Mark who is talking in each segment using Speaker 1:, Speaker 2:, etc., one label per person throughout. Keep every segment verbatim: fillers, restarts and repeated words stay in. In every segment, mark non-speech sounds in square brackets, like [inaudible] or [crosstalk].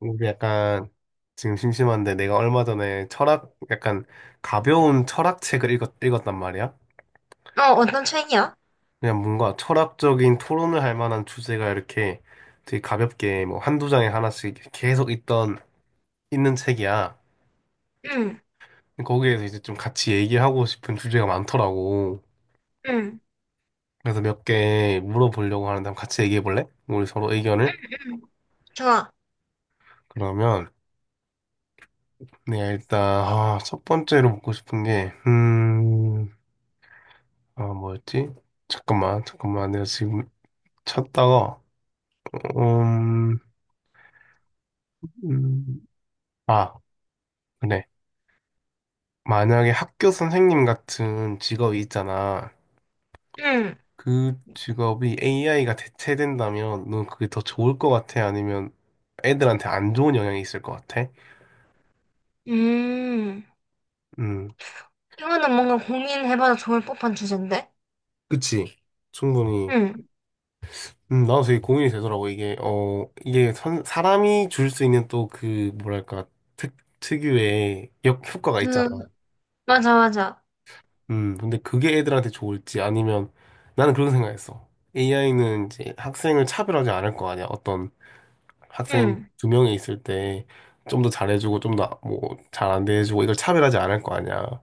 Speaker 1: 우리 약간 지금 심심한데 내가 얼마 전에 철학 약간 가벼운 철학 책을 읽었, 읽었단 말이야.
Speaker 2: 어, 어떤 책이야?
Speaker 1: 그냥 뭔가 철학적인 토론을 할 만한 주제가 이렇게 되게 가볍게 뭐 한두 장에 하나씩 계속 있던 있는 책이야.
Speaker 2: 응,
Speaker 1: 거기에서 이제 좀 같이 얘기하고 싶은 주제가 많더라고.
Speaker 2: 응,
Speaker 1: 그래서 몇 개 물어보려고 하는데 한번 같이 얘기해 볼래? 우리 서로 의견을.
Speaker 2: 응, 좋아.
Speaker 1: 그러면 내가 일단 아, 첫 번째로 묻고 싶은 게 음. 아, 뭐였지? 잠깐만, 잠깐만. 내가 지금 찾다가, 음, 음, 아, 그래. 만약에 학교 선생님 같은 직업이 있잖아.
Speaker 2: 응,
Speaker 1: 그 직업이 에이아이가 대체된다면, 넌 그게 더 좋을 것 같아? 아니면 애들한테 안 좋은 영향이 있을 것 같아?
Speaker 2: 음.
Speaker 1: 음,
Speaker 2: 이거는 뭔가 고민해봐도 좋을 법한 주제인데?
Speaker 1: 그치. 충분히.
Speaker 2: 응,
Speaker 1: 음, 나도 되게 고민이 되더라고. 이게, 어, 이게 선- 사람이 줄 수 있는 또 그, 뭐랄까, 특, 특유의 역, 효과가 있잖아.
Speaker 2: 그, 맞아, 맞아.
Speaker 1: 음, 근데 그게 애들한테 좋을지 아니면 나는 그런 생각했어. 에이아이는 이제 학생을 차별하지 않을 거 아니야. 어떤 학생
Speaker 2: 응,
Speaker 1: 두 명이 있을 때 좀 더 잘해주고 좀 더 뭐 잘 안 대해주고 이걸 차별하지 않을 거 아니야.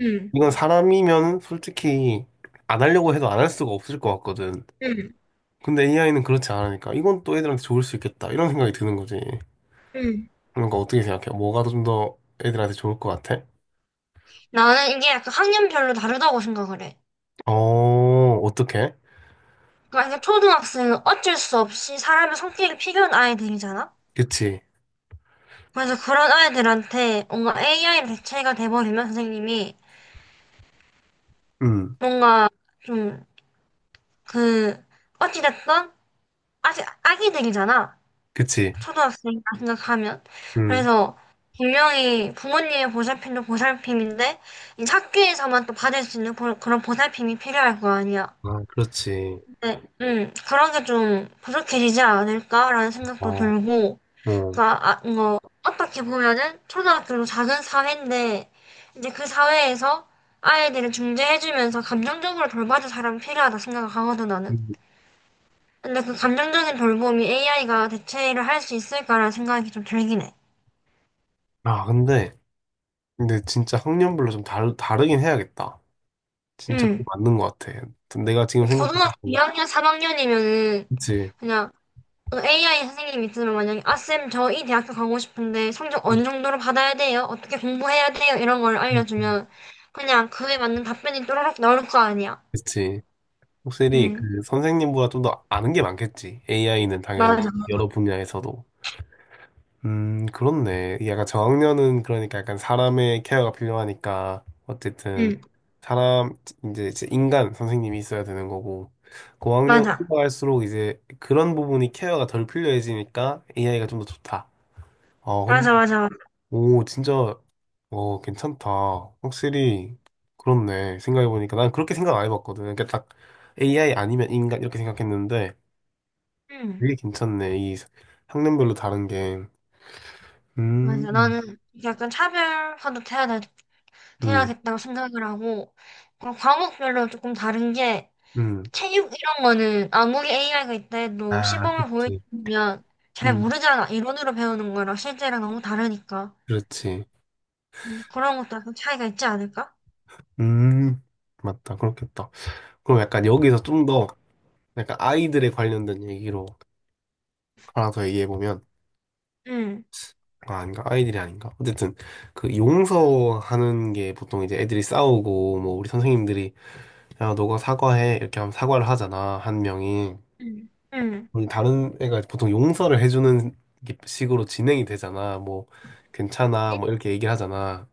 Speaker 2: 응,
Speaker 1: 이건 사람이면 솔직히 안 하려고 해도 안 할 수가 없을 것 같거든.
Speaker 2: 응,
Speaker 1: 근데 에이아이는 그렇지 않으니까 이건 또 애들한테 좋을 수 있겠다. 이런 생각이 드는 거지.
Speaker 2: 응.
Speaker 1: 그러니까 어떻게 생각해? 뭐가 좀 더 애들한테 좋을 것 같아?
Speaker 2: 나는 이게 약간 학년별로 다르다고 생각을 해.
Speaker 1: 어, 어떻게?
Speaker 2: 그러니까 이게 초등학생은 어쩔 수 없이 사람의 성격이 필요한 아이들이잖아?
Speaker 1: 그치.
Speaker 2: 그래서 그런 아이들한테 뭔가 에이아이로 대체가 돼버리면 선생님이
Speaker 1: 음,
Speaker 2: 뭔가 좀 그, 어찌됐든 아직 아기들이잖아.
Speaker 1: 그치.
Speaker 2: 초등학생이라 생각하면.
Speaker 1: 음.
Speaker 2: 그래서 분명히 부모님의 보살핌도 보살핌인데 이 학교에서만 또 받을 수 있는 그런 그런 보살핌이 필요할 거 아니야.
Speaker 1: 아, 그렇지.
Speaker 2: 네, 음, 그런 게 좀 부족해지지 않을까라는 생각도
Speaker 1: 어,
Speaker 2: 들고,
Speaker 1: 어
Speaker 2: 그러니까 아, 뭐 어떻게 보면은 초등학교도 작은 사회인데 이제 그 사회에서 아이들을 중재해주면서 감정적으로 돌봐줄 사람이 필요하다 생각하거든 나는.
Speaker 1: 음.
Speaker 2: 근데 그 감정적인 돌봄이 에이아이가 대체를 할 수 있을까라는 생각이 좀 들긴 해.
Speaker 1: 아, 근데, 근데 진짜 학년별로 좀 다르, 다르긴 해야겠다. 진짜 그거
Speaker 2: 응.
Speaker 1: 맞는 것 같아. 내가 지금
Speaker 2: 고등학교
Speaker 1: 생각해보면,
Speaker 2: 이 학년, 삼 학년이면은
Speaker 1: 그치.
Speaker 2: 그냥 그 에이아이 선생님이 있으면 만약에 아, 쌤, 저 이 대학교 가고 싶은데 성적
Speaker 1: 음,
Speaker 2: 어느 정도로 받아야 돼요? 어떻게 공부해야 돼요? 이런 걸
Speaker 1: 음, 음.
Speaker 2: 알려주면 그냥 그에 맞는 답변이 또라락 나올 거 아니야.
Speaker 1: 그치. 확실히
Speaker 2: 응.
Speaker 1: 그 선생님보다 좀 더 아는 게 많겠지. 에이아이는 당연히
Speaker 2: 맞아.
Speaker 1: 여러 분야에서도. 음, 그렇네. 이 약간 저학년은 그러니까 약간 사람의 케어가 필요하니까 어쨌든
Speaker 2: 응.
Speaker 1: 사람 이제 이제 인간 선생님이 있어야 되는 거고 고학년
Speaker 2: 맞아.
Speaker 1: 올라갈수록 이제 그런 부분이 케어가 덜 필요해지니까 에이아이가 좀 더 좋다. 어,
Speaker 2: 맞아,
Speaker 1: 근-
Speaker 2: 맞아, 맞아.
Speaker 1: 오, 진짜 어, 괜찮다. 확실히 그렇네. 생각해 보니까 난 그렇게 생각 안 해봤거든. 그러니까 딱 에이아이 아니면 인간 이렇게 생각했는데
Speaker 2: 응.
Speaker 1: 되게 괜찮네. 이 학년별로 다른 게.
Speaker 2: 맞아.
Speaker 1: 음.
Speaker 2: 나는 약간 차별화도 돼야, 돼-
Speaker 1: 음.
Speaker 2: 돼야겠다고 생각을 하고 그럼 과목별로 조금 다른 게
Speaker 1: 음.
Speaker 2: 체육 이런 거는 아무리 에이아이가 있다 해도
Speaker 1: 아,
Speaker 2: 시범을
Speaker 1: 그치.
Speaker 2: 보여주면 잘
Speaker 1: 음.
Speaker 2: 모르잖아. 이론으로 배우는 거랑 실제랑 너무 다르니까.
Speaker 1: 그렇지.
Speaker 2: 음, 그런 것도 약간 차이가 있지 않을까?
Speaker 1: 음. 맞다. 그렇겠다. 그럼 약간 여기서 좀 더 약간 아이들에 관련된 얘기로 하나 더 얘기해 보면
Speaker 2: 응,
Speaker 1: 아, 아닌가? 아이들이 아닌가? 어쨌든 그 용서하는 게 보통 이제 애들이 싸우고 뭐 우리 선생님들이 야, 너가 사과해. 이렇게 하면 사과를 하잖아. 한 명이.
Speaker 2: 응, 응,
Speaker 1: 우리 다른 애가 보통 용서를 해주는 식으로 진행이 되잖아. 뭐 괜찮아.
Speaker 2: 응,
Speaker 1: 뭐 이렇게 얘기를 하잖아.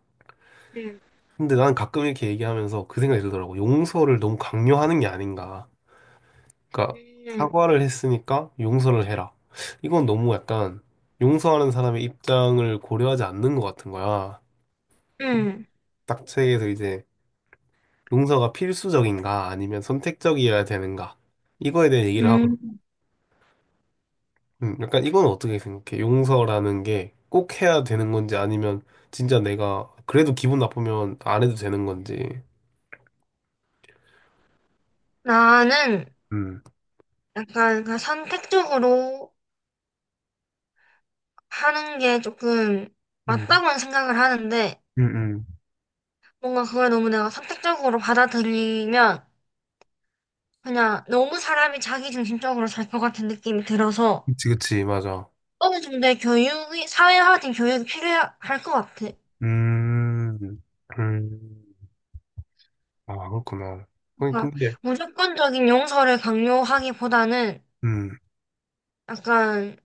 Speaker 2: 응,
Speaker 1: 근데 난 가끔 이렇게 얘기하면서 그 생각이 들더라고. 용서를 너무 강요하는 게 아닌가. 그러니까
Speaker 2: 응,
Speaker 1: 사과를 했으니까 용서를 해라. 이건 너무 약간 용서하는 사람의 입장을 고려하지 않는 것 같은 거야.
Speaker 2: 응.
Speaker 1: 딱 책에서 이제 용서가 필수적인가 아니면 선택적이어야 되는가. 이거에 대해 얘기를 하고,
Speaker 2: 응.
Speaker 1: 음, 약간 이건 어떻게 생각해? 용서라는 게 꼭 해야 되는 건지 아니면 진짜 내가 그래도 기분 나쁘면 안 해도 되는 건지.
Speaker 2: 나는
Speaker 1: 음,
Speaker 2: 약간 그 선택적으로 하는 게 조금
Speaker 1: 음,
Speaker 2: 맞다고는 생각을 하는데
Speaker 1: 음, 음.
Speaker 2: 뭔가 그걸 너무 내가 선택적으로 받아들이면 그냥 너무 사람이 자기 중심적으로 살 것 같은 느낌이 들어서
Speaker 1: 그치, 그치, 맞아.
Speaker 2: 어느 정도의 교육이, 사회화된 교육이 필요할 것 같아.
Speaker 1: 음, 음, 아, 그렇구나. 아니,
Speaker 2: 그러니까
Speaker 1: 근데,
Speaker 2: 무조건적인 용서를 강요하기보다는
Speaker 1: 음,
Speaker 2: 약간,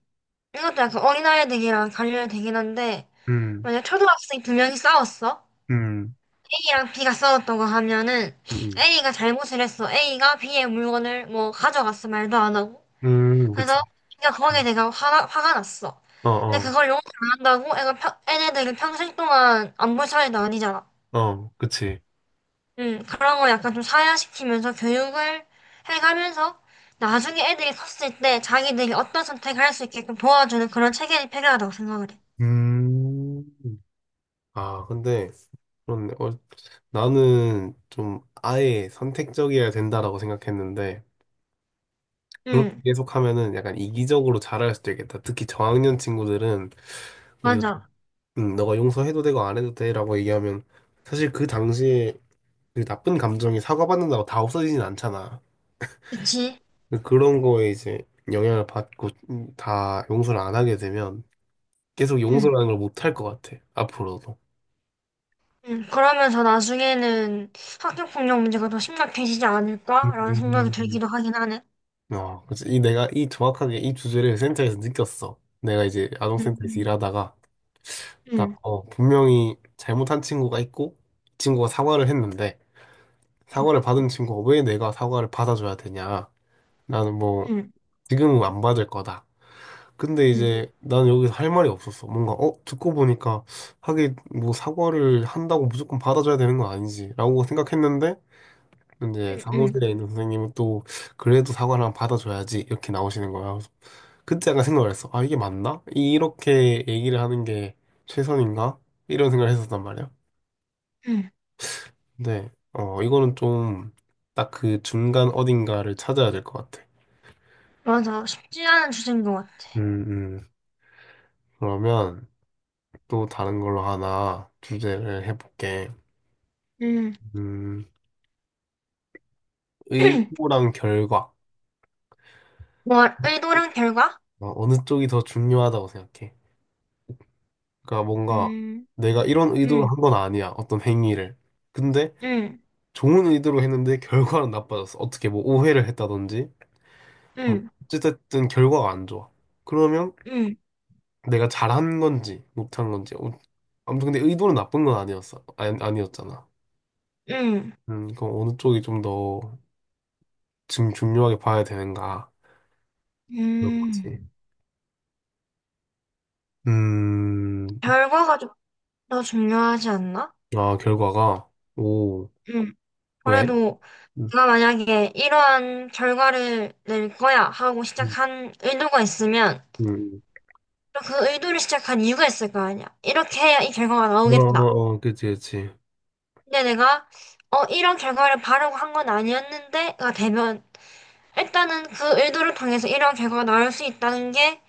Speaker 2: 이것도 약간 어린아이들이랑 관련이 되긴 한데,
Speaker 1: 음,
Speaker 2: 만약 초등학생 두 명이 싸웠어?
Speaker 1: 음,
Speaker 2: A랑 B가 싸웠다고 하면은
Speaker 1: 음,
Speaker 2: A가 잘못을 했어. A가 B의 물건을 뭐 가져갔어. 말도 안 하고.
Speaker 1: 음, 음, 그치.
Speaker 2: 그래서 B가 거기에
Speaker 1: 음,
Speaker 2: 내가 화가, 화가 났어.
Speaker 1: 어,
Speaker 2: 근데
Speaker 1: 어,
Speaker 2: 그걸 용서 안 한다고 애가 평, 애네들은 평생 동안 안 볼 사이도 아니잖아.
Speaker 1: 어, 그치.
Speaker 2: 음, 그런 걸 약간 좀 사회화시키면서 교육을 해가면서 나중에 애들이 컸을 때 자기들이 어떤 선택을 할 수 있게끔 도와주는 그런 체계가 필요하다고 생각을 해.
Speaker 1: 음, 아, 근데, 그런데, 어, 나는 좀 아예 선택적이어야 된다라고 생각했는데, 그렇게
Speaker 2: 응,
Speaker 1: 계속하면은 약간 이기적으로 자할 수도 있겠다. 특히 저학년 친구들은, 우리가,
Speaker 2: 맞아.
Speaker 1: 음, 너가 용서해도 되고 안 해도 돼라고 얘기하면, 사실 그 당시에 그 나쁜 감정이 사과받는다고 다 없어지진 않잖아.
Speaker 2: 그치?
Speaker 1: 근데 그런 거에 이제 영향을 받고 다 용서를 안 하게 되면 계속
Speaker 2: 응,
Speaker 1: 용서라는 걸 못할 것 같아. 앞으로도.
Speaker 2: 응, 그러면서 나중에는 학교폭력 문제가 더 심각해지지 않을까라는 생각이
Speaker 1: 음.
Speaker 2: 들기도 하긴 하네.
Speaker 1: 어, 그래서 이 내가 이 정확하게 이 주제를 센터에서 느꼈어. 내가 이제
Speaker 2: 응응응응응응응응응응응응응응응응응응.
Speaker 1: 아동센터에서 일하다가 딱 어, 분명히 잘못한 친구가 있고 이 친구가 사과를 했는데 사과를 받은 친구가 왜 내가 사과를 받아줘야 되냐? 나는 뭐 지금은 안 받을 거다. 근데 이제 난 여기서 할 말이 없었어. 뭔가 어 듣고 보니까 하긴 뭐 사과를 한다고 무조건 받아줘야 되는 건 아니지라고 생각했는데 이제 사무실에 있는 선생님은 또 그래도 사과를 한번 받아줘야지 이렇게 나오시는 거야. 그래서 그때 약간 생각을 했어. 아 이게 맞나? 이렇게 얘기를 하는 게 최선인가? 이런 생각을 했었단 말이야. 근데 어 이거는 좀 딱 그 중간 어딘가를 찾아야 될 것 같아.
Speaker 2: 맞아. 쉽지 않은 주제인 것 같아.
Speaker 1: 음, 음. 그러면 또 다른 걸로 하나 주제를 해볼게.
Speaker 2: 응응
Speaker 1: 음,
Speaker 2: [clears throat]
Speaker 1: 의도랑 결과.
Speaker 2: 뭐, 의도랑 결과?
Speaker 1: 어, 어느 쪽이 더 중요하다고 생각해. 그러니까 뭔가
Speaker 2: 응응응응응응응.
Speaker 1: 내가 이런 의도로 한 건 아니야. 어떤 행위를. 근데 좋은 의도로 했는데 결과는 나빠졌어. 어떻게 뭐 오해를 했다든지. 뭐 어쨌든 결과가 안 좋아. 그러면
Speaker 2: 응,
Speaker 1: 내가 잘한 건지 못한 건지. 어, 아무튼 근데 의도는 나쁜 건 아니었어. 아니, 아니었잖아.
Speaker 2: 응,
Speaker 1: 음, 그럼 어느 쪽이 좀 더 지금 중요하게 봐야 되는가. 그런
Speaker 2: 음.
Speaker 1: 거지. 음,
Speaker 2: 결과가 좀 더 중요하지 않나?
Speaker 1: 아, 결과가. 오,
Speaker 2: 응.
Speaker 1: 왜?
Speaker 2: 그래도
Speaker 1: 음,
Speaker 2: 내가 만약에 이러한 결과를 낼 거야 하고
Speaker 1: 음,
Speaker 2: 시작한 의도가 있으면
Speaker 1: 음.
Speaker 2: 또그 의도를 시작한 이유가 있을 거 아니야. 이렇게 해야 이 결과가
Speaker 1: 어,
Speaker 2: 나오겠다.
Speaker 1: 어, 어, 그치, 그치.
Speaker 2: 근데 내가 어 이런 결과를 바라고 한 건 아니었는데가 되면 일단은 그 의도를 통해서 이런 결과가 나올 수 있다는 게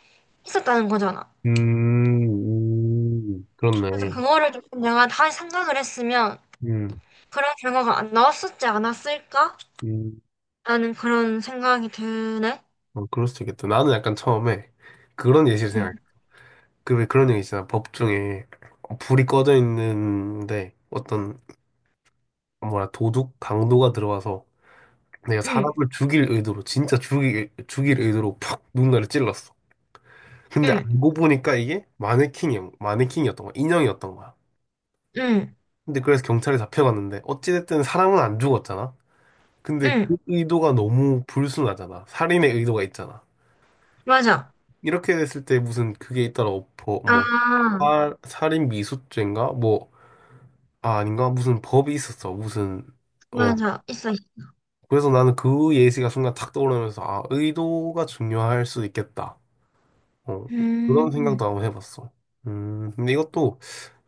Speaker 2: 있었다는 거잖아.
Speaker 1: 음, 음, 그렇네.
Speaker 2: 그래서 그거를 조금 내가 다시 생각을 했으면
Speaker 1: 음,
Speaker 2: 그런 결과가 안 나왔었지 않았을까?
Speaker 1: 음,
Speaker 2: 라는 그런 생각이 드네.
Speaker 1: 어, 그럴 수도 있겠다. 나는 약간 처음에 그런 예시를 생각해.
Speaker 2: 응,
Speaker 1: 그, 왜 그런 얘기 있잖아. 법 중에 어, 불이 꺼져 있는데 어떤, 뭐라, 도둑, 강도가 들어와서 내가
Speaker 2: 응,
Speaker 1: 사람을 죽일 의도로, 진짜 죽일, 죽일 의도로 팍 누군가를 찔렀어. 근데
Speaker 2: 응,
Speaker 1: 알고 보니까 이게 마네킹이, 마네킹이었던 거야. 인형이었던 거야.
Speaker 2: 응,
Speaker 1: 근데 그래서 경찰에 잡혀갔는데 어찌됐든 사람은 안 죽었잖아. 근데
Speaker 2: 응.
Speaker 1: 그 의도가 너무 불순하잖아. 살인의 의도가 있잖아.
Speaker 2: 맞아.
Speaker 1: 이렇게 됐을 때 무슨 그게 있더라 법 뭐,
Speaker 2: 아,
Speaker 1: 살, 살인 미수죄인가? 뭐, 아, 아닌가? 무슨 법이 있었어. 무슨, 어.
Speaker 2: 맞아. 있어. 있어.
Speaker 1: 그래서 나는 그 예시가 순간 탁 떠오르면서, 아, 의도가 중요할 수 있겠다. 어. 그런
Speaker 2: 음.
Speaker 1: 생각도 한번 해봤어. 음, 근데 이것도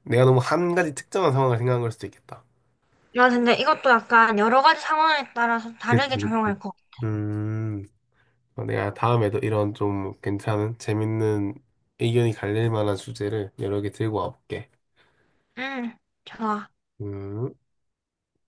Speaker 1: 내가 너무 한 가지 특정한 상황을 생각한 걸 수도 있겠다.
Speaker 2: 맞아. 근데 이것도 약간 여러 가지 상황에 따라서 다르게
Speaker 1: 그치, 그치.
Speaker 2: 적용할 거.
Speaker 1: 음. 어, 내가 다음에도 이런 좀 괜찮은, 재밌는 의견이 갈릴 만한 주제를 여러 개 들고 와볼게.
Speaker 2: 응, 좋아.
Speaker 1: 음.